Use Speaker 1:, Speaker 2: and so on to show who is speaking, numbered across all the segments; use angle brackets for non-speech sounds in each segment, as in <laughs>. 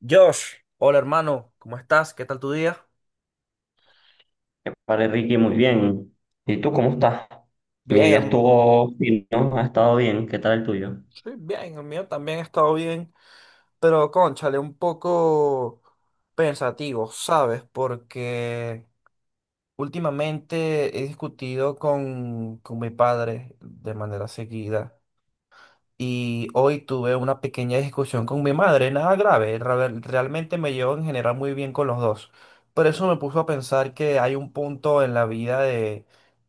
Speaker 1: Josh, hola hermano, ¿cómo estás? ¿Qué tal tu día?
Speaker 2: Vale, Ricky, muy bien. ¿Y tú cómo estás? Mi
Speaker 1: Bien,
Speaker 2: día
Speaker 1: herm-
Speaker 2: estuvo fino, ha estado bien. ¿Qué tal el tuyo?
Speaker 1: sí, bien, el mío también ha estado bien, pero cónchale, un poco pensativo, ¿sabes? Porque últimamente he discutido con mi padre de manera seguida y hoy tuve una pequeña discusión con mi madre, nada grave, realmente me llevo en general muy bien con los dos, pero eso me puso a pensar que hay un punto en la vida de,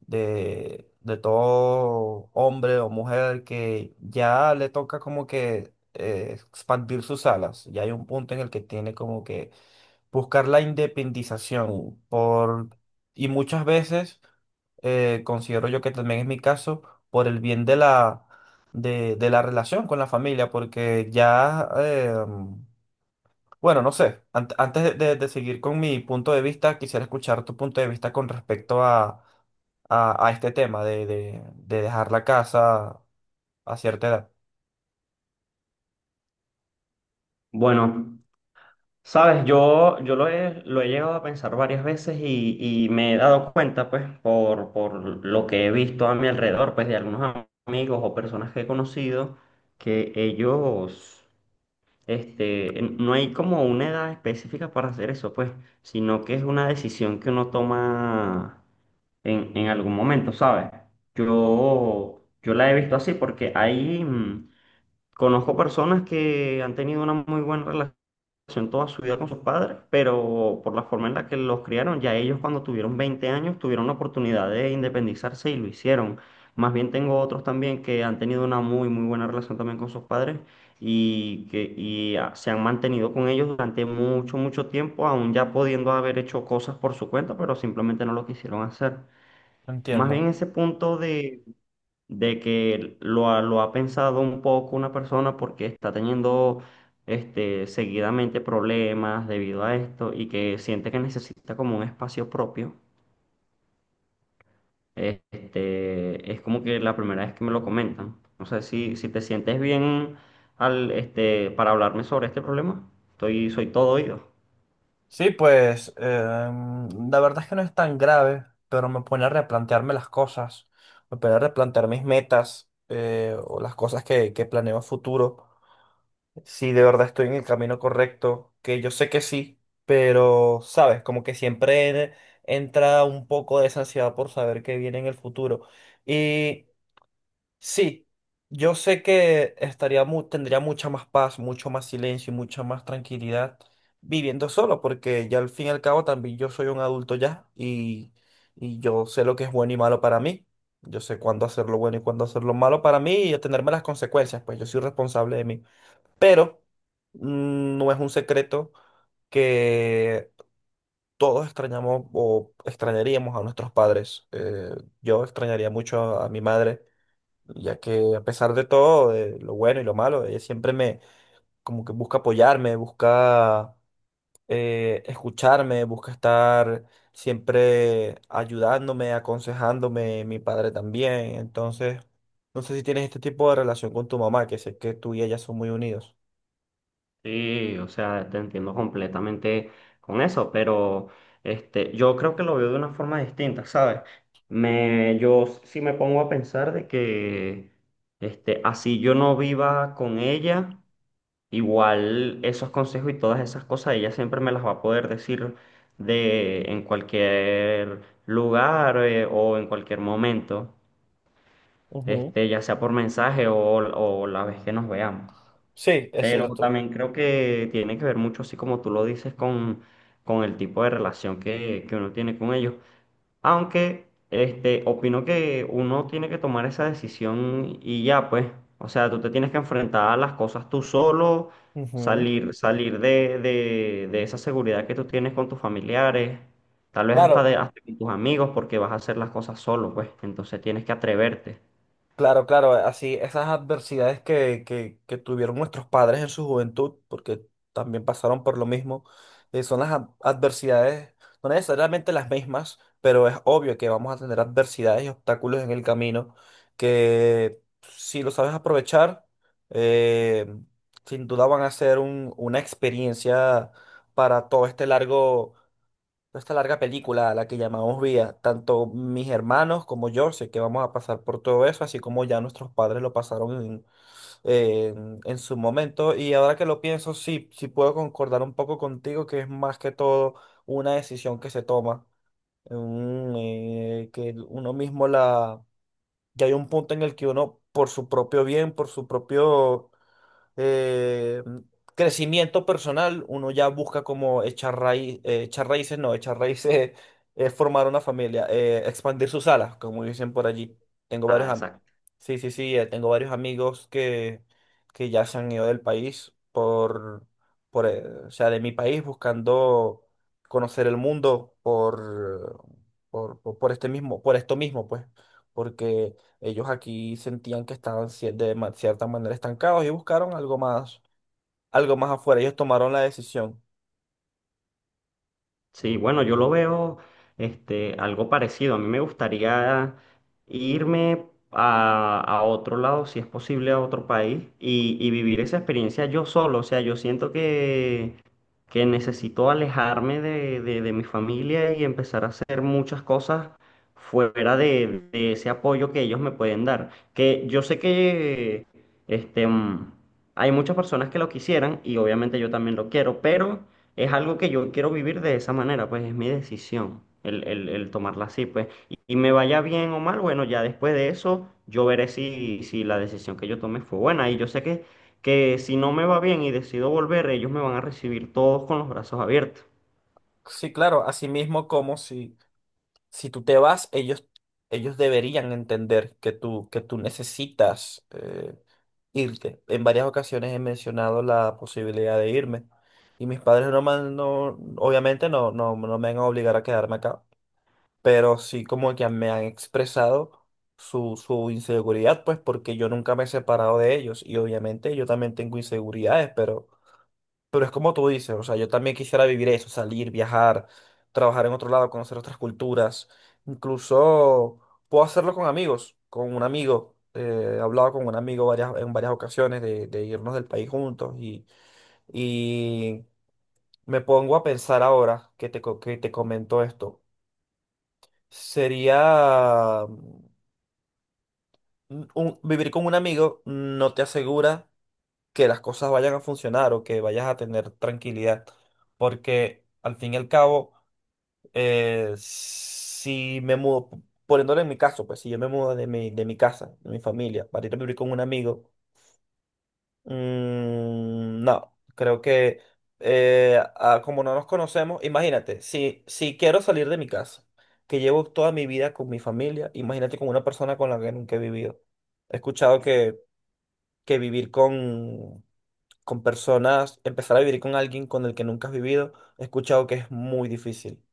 Speaker 1: de, de todo hombre o mujer que ya le toca como que expandir sus alas. Ya hay un punto en el que tiene como que buscar la independización y muchas veces considero yo que también es mi caso, por el bien de la relación con la familia, porque ya, bueno, no sé, antes de seguir con mi punto de vista, quisiera escuchar tu punto de vista con respecto a este tema de dejar la casa a cierta edad.
Speaker 2: Bueno, sabes, yo lo he llegado a pensar varias veces y me he dado cuenta, pues, por lo que he visto a mi alrededor, pues, de algunos amigos o personas que he conocido, que ellos, no hay como una edad específica para hacer eso, pues, sino que es una decisión que uno toma en algún momento, ¿sabes? Yo la he visto así porque ahí conozco personas que han tenido una muy buena relación toda su vida con sus padres, pero por la forma en la que los criaron, ya ellos cuando tuvieron 20 años tuvieron la oportunidad de independizarse y lo hicieron. Más bien tengo otros también que han tenido una muy, muy buena relación también con sus padres y se han mantenido con ellos durante mucho, mucho tiempo, aún ya pudiendo haber hecho cosas por su cuenta, pero simplemente no lo quisieron hacer. Más bien
Speaker 1: Entiendo.
Speaker 2: ese punto de que lo ha pensado un poco una persona porque está teniendo seguidamente problemas debido a esto y que siente que necesita como un espacio propio. Es como que la primera vez que me lo comentan. No sé si te sientes bien para hablarme sobre este problema. Soy todo oído.
Speaker 1: Sí, pues la verdad es que no es tan grave, pero me pone a replantearme las cosas, me pone a replantear mis metas, o las cosas que planeo a futuro, si de verdad estoy en el camino correcto, que yo sé que sí, pero sabes, como que siempre entra un poco de esa ansiedad por saber qué viene en el futuro. Sí, yo sé que estaría tendría mucha más paz, mucho más silencio y mucha más tranquilidad viviendo solo, porque ya al fin y al cabo también yo soy un adulto ya y yo sé lo que es bueno y malo para mí. Yo sé cuándo hacer lo bueno y cuándo hacer lo malo para mí y atenerme a las consecuencias, pues yo soy responsable de mí. Pero no es un secreto que todos extrañamos o extrañaríamos a nuestros padres. Yo extrañaría mucho a mi madre ya que a pesar de todo, de lo bueno y lo malo, ella siempre me, como que busca apoyarme, busca escucharme, busca estar siempre ayudándome, aconsejándome, mi padre también. Entonces, no sé si tienes este tipo de relación con tu mamá, que sé que tú y ella son muy unidos.
Speaker 2: Sí, o sea, te entiendo completamente con eso, pero yo creo que lo veo de una forma distinta, ¿sabes? Yo sí me pongo a pensar de que, así yo no viva con ella, igual esos consejos y todas esas cosas, ella siempre me las va a poder decir en cualquier lugar, o en cualquier momento,
Speaker 1: Ujú.
Speaker 2: ya sea por mensaje o la vez que nos veamos.
Speaker 1: Sí, es
Speaker 2: Pero
Speaker 1: cierto.
Speaker 2: también creo que tiene que ver mucho, así como tú lo dices, con el tipo de relación que uno tiene con ellos. Aunque, opino que uno tiene que tomar esa decisión y ya, pues. O sea, tú te tienes que enfrentar a las cosas tú solo,
Speaker 1: Ujú.
Speaker 2: salir de esa seguridad que tú tienes con tus familiares, tal vez
Speaker 1: Claro.
Speaker 2: hasta con tus amigos, porque vas a hacer las cosas solo, pues. Entonces tienes que atreverte.
Speaker 1: Claro, claro, así esas adversidades que tuvieron nuestros padres en su juventud, porque también pasaron por lo mismo, son las adversidades, no necesariamente las mismas, pero es obvio que vamos a tener adversidades y obstáculos en el camino que si lo sabes aprovechar, eh, sin duda van a ser una experiencia para todo este largo toda esta larga película a la que llamamos vida. Tanto mis hermanos como yo sé que vamos a pasar por todo eso, así como ya nuestros padres lo pasaron en su momento. Y ahora que lo pienso, sí, sí puedo concordar un poco contigo que es más que todo una decisión que se toma, un, que uno mismo la... Ya hay un punto en el que uno, por su propio bien, por su propio eh, crecimiento personal, uno ya busca como echar raíz, echar raíces, no, echar raíces <laughs> es formar una familia, expandir sus alas, como dicen por allí. Tengo
Speaker 2: Ah,
Speaker 1: varios, am-
Speaker 2: exacto.
Speaker 1: sí, sí, sí, tengo varios amigos que ya se han ido del país o sea, de mi país buscando conocer el mundo por esto mismo, pues, porque ellos aquí sentían que estaban cierta manera estancados y buscaron algo más afuera. Ellos tomaron la decisión.
Speaker 2: Sí, bueno, yo lo veo, algo parecido. A mí me gustaría irme a otro lado, si es posible, a otro país y vivir esa experiencia yo solo. O sea, yo siento que necesito alejarme de mi familia y empezar a hacer muchas cosas fuera de ese apoyo que ellos me pueden dar. Que yo sé que, este, mm, hay muchas personas que lo quisieran y obviamente yo también lo quiero, pero es algo que yo quiero vivir de esa manera, pues es mi decisión el tomarla así, pues. Y me vaya bien o mal, bueno, ya después de eso yo veré si la decisión que yo tome fue buena. Y yo sé que si no me va bien y decido volver, ellos me van a recibir todos con los brazos abiertos.
Speaker 1: Sí, claro, así mismo como si, si tú te vas, ellos deberían entender que tú necesitas irte. En varias ocasiones he mencionado la posibilidad de irme y mis padres no me han- no- obviamente no me van a obligar a quedarme acá, pero sí como que me han expresado su inseguridad, pues porque yo nunca me he separado de ellos y obviamente yo también tengo inseguridades, pero es como tú dices, o sea, yo también quisiera vivir eso, salir, viajar, trabajar en otro lado, conocer otras culturas, incluso puedo hacerlo con amigos, con un amigo. Eh, he hablado con un amigo en varias ocasiones de irnos del país juntos, y me pongo a pensar ahora que que te comento esto. Sería vivir con un amigo no te asegura que las cosas vayan a funcionar o que vayas a tener tranquilidad, porque al fin y al cabo, si me mudo, poniéndolo en mi caso, pues si yo me mudo de mi casa, de mi familia, para ir a vivir con un amigo, mm, no, creo que como no nos conocemos, imagínate, si, si quiero salir de mi casa, que llevo toda mi vida con mi familia, imagínate con una persona con la que nunca he vivido. He escuchado que vivir con personas, empezar a vivir con alguien con el que nunca has vivido, he escuchado que es muy difícil.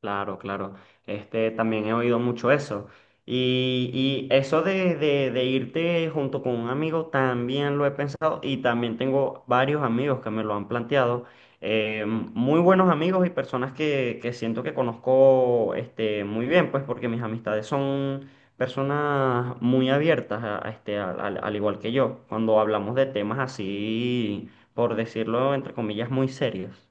Speaker 2: Claro, claro. También he oído mucho eso. Y, y eso de irte junto con un amigo también lo he pensado y también tengo varios amigos que me lo han planteado. Muy buenos amigos y personas que siento que conozco, muy bien, pues porque mis amistades son personas muy abiertas, a este, al, al al igual que yo, cuando hablamos de temas así, por decirlo entre comillas, muy serios.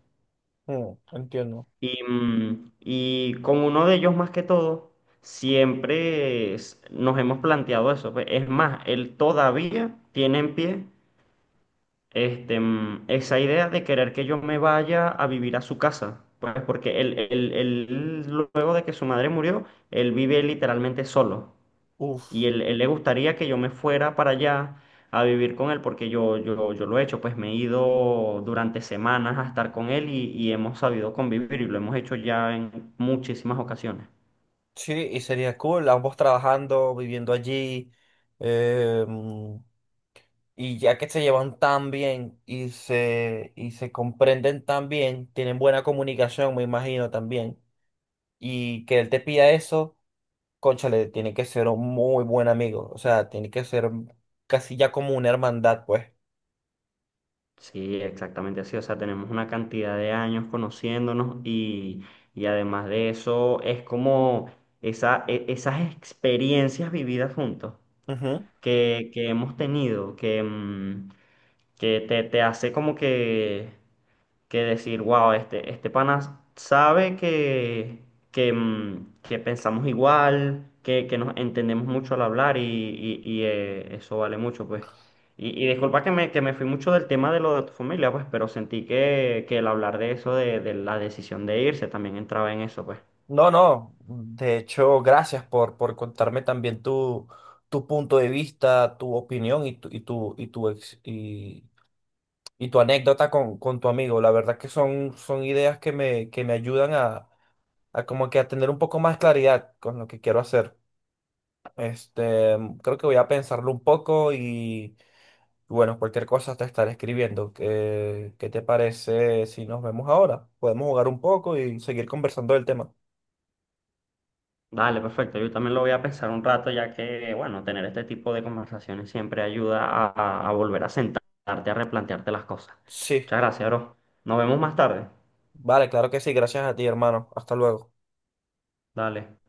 Speaker 1: Mm, entiendo.
Speaker 2: Y con uno de ellos más que todo, siempre nos hemos planteado eso, pues. Es más, él todavía tiene en pie, esa idea de querer que yo me vaya a vivir a su casa. Pues porque luego de que su madre murió, él vive literalmente solo. Y
Speaker 1: Uf,
Speaker 2: él le gustaría que yo me fuera para allá a vivir con él, porque yo lo he hecho, pues me he ido durante semanas a estar con él y hemos sabido convivir y lo hemos hecho ya en muchísimas ocasiones.
Speaker 1: sí, y sería cool, ambos trabajando, viviendo allí, eh, y ya que se llevan tan bien y se comprenden tan bien, tienen buena comunicación, me imagino también, y que él te pida eso. Cónchale, tiene que ser un muy buen amigo, o sea, tiene que ser casi ya como una hermandad, pues.
Speaker 2: Sí, exactamente así. O sea, tenemos una cantidad de años conociéndonos y además de eso es como esas experiencias vividas juntos
Speaker 1: Ujú.
Speaker 2: que hemos tenido, que te hace como que decir, wow, este pana sabe que pensamos igual, que nos entendemos mucho al hablar y eso vale mucho, pues. Y disculpa que me fui mucho del tema de lo de tu familia, pues, pero sentí que el hablar de eso, de la decisión de irse, también entraba en eso, pues.
Speaker 1: No, no, de hecho, gracias por contarme también tu punto de vista, tu opinión y tu anécdota con tu amigo. La verdad que son, son ideas que me ayudan a como que a tener un poco más claridad con lo que quiero hacer. Este, creo que voy a pensarlo un poco y bueno, cualquier cosa te estaré escribiendo. ¿Qué, qué te parece si nos vemos ahora? Podemos jugar un poco y seguir conversando del tema.
Speaker 2: Dale, perfecto. Yo también lo voy a pensar un rato, ya que, bueno, tener este tipo de conversaciones siempre ayuda a volver a sentarte, a replantearte las cosas.
Speaker 1: Sí.
Speaker 2: Muchas gracias, bro. Nos vemos más tarde.
Speaker 1: Vale, claro que sí, gracias a ti, hermano. Hasta luego.
Speaker 2: Dale.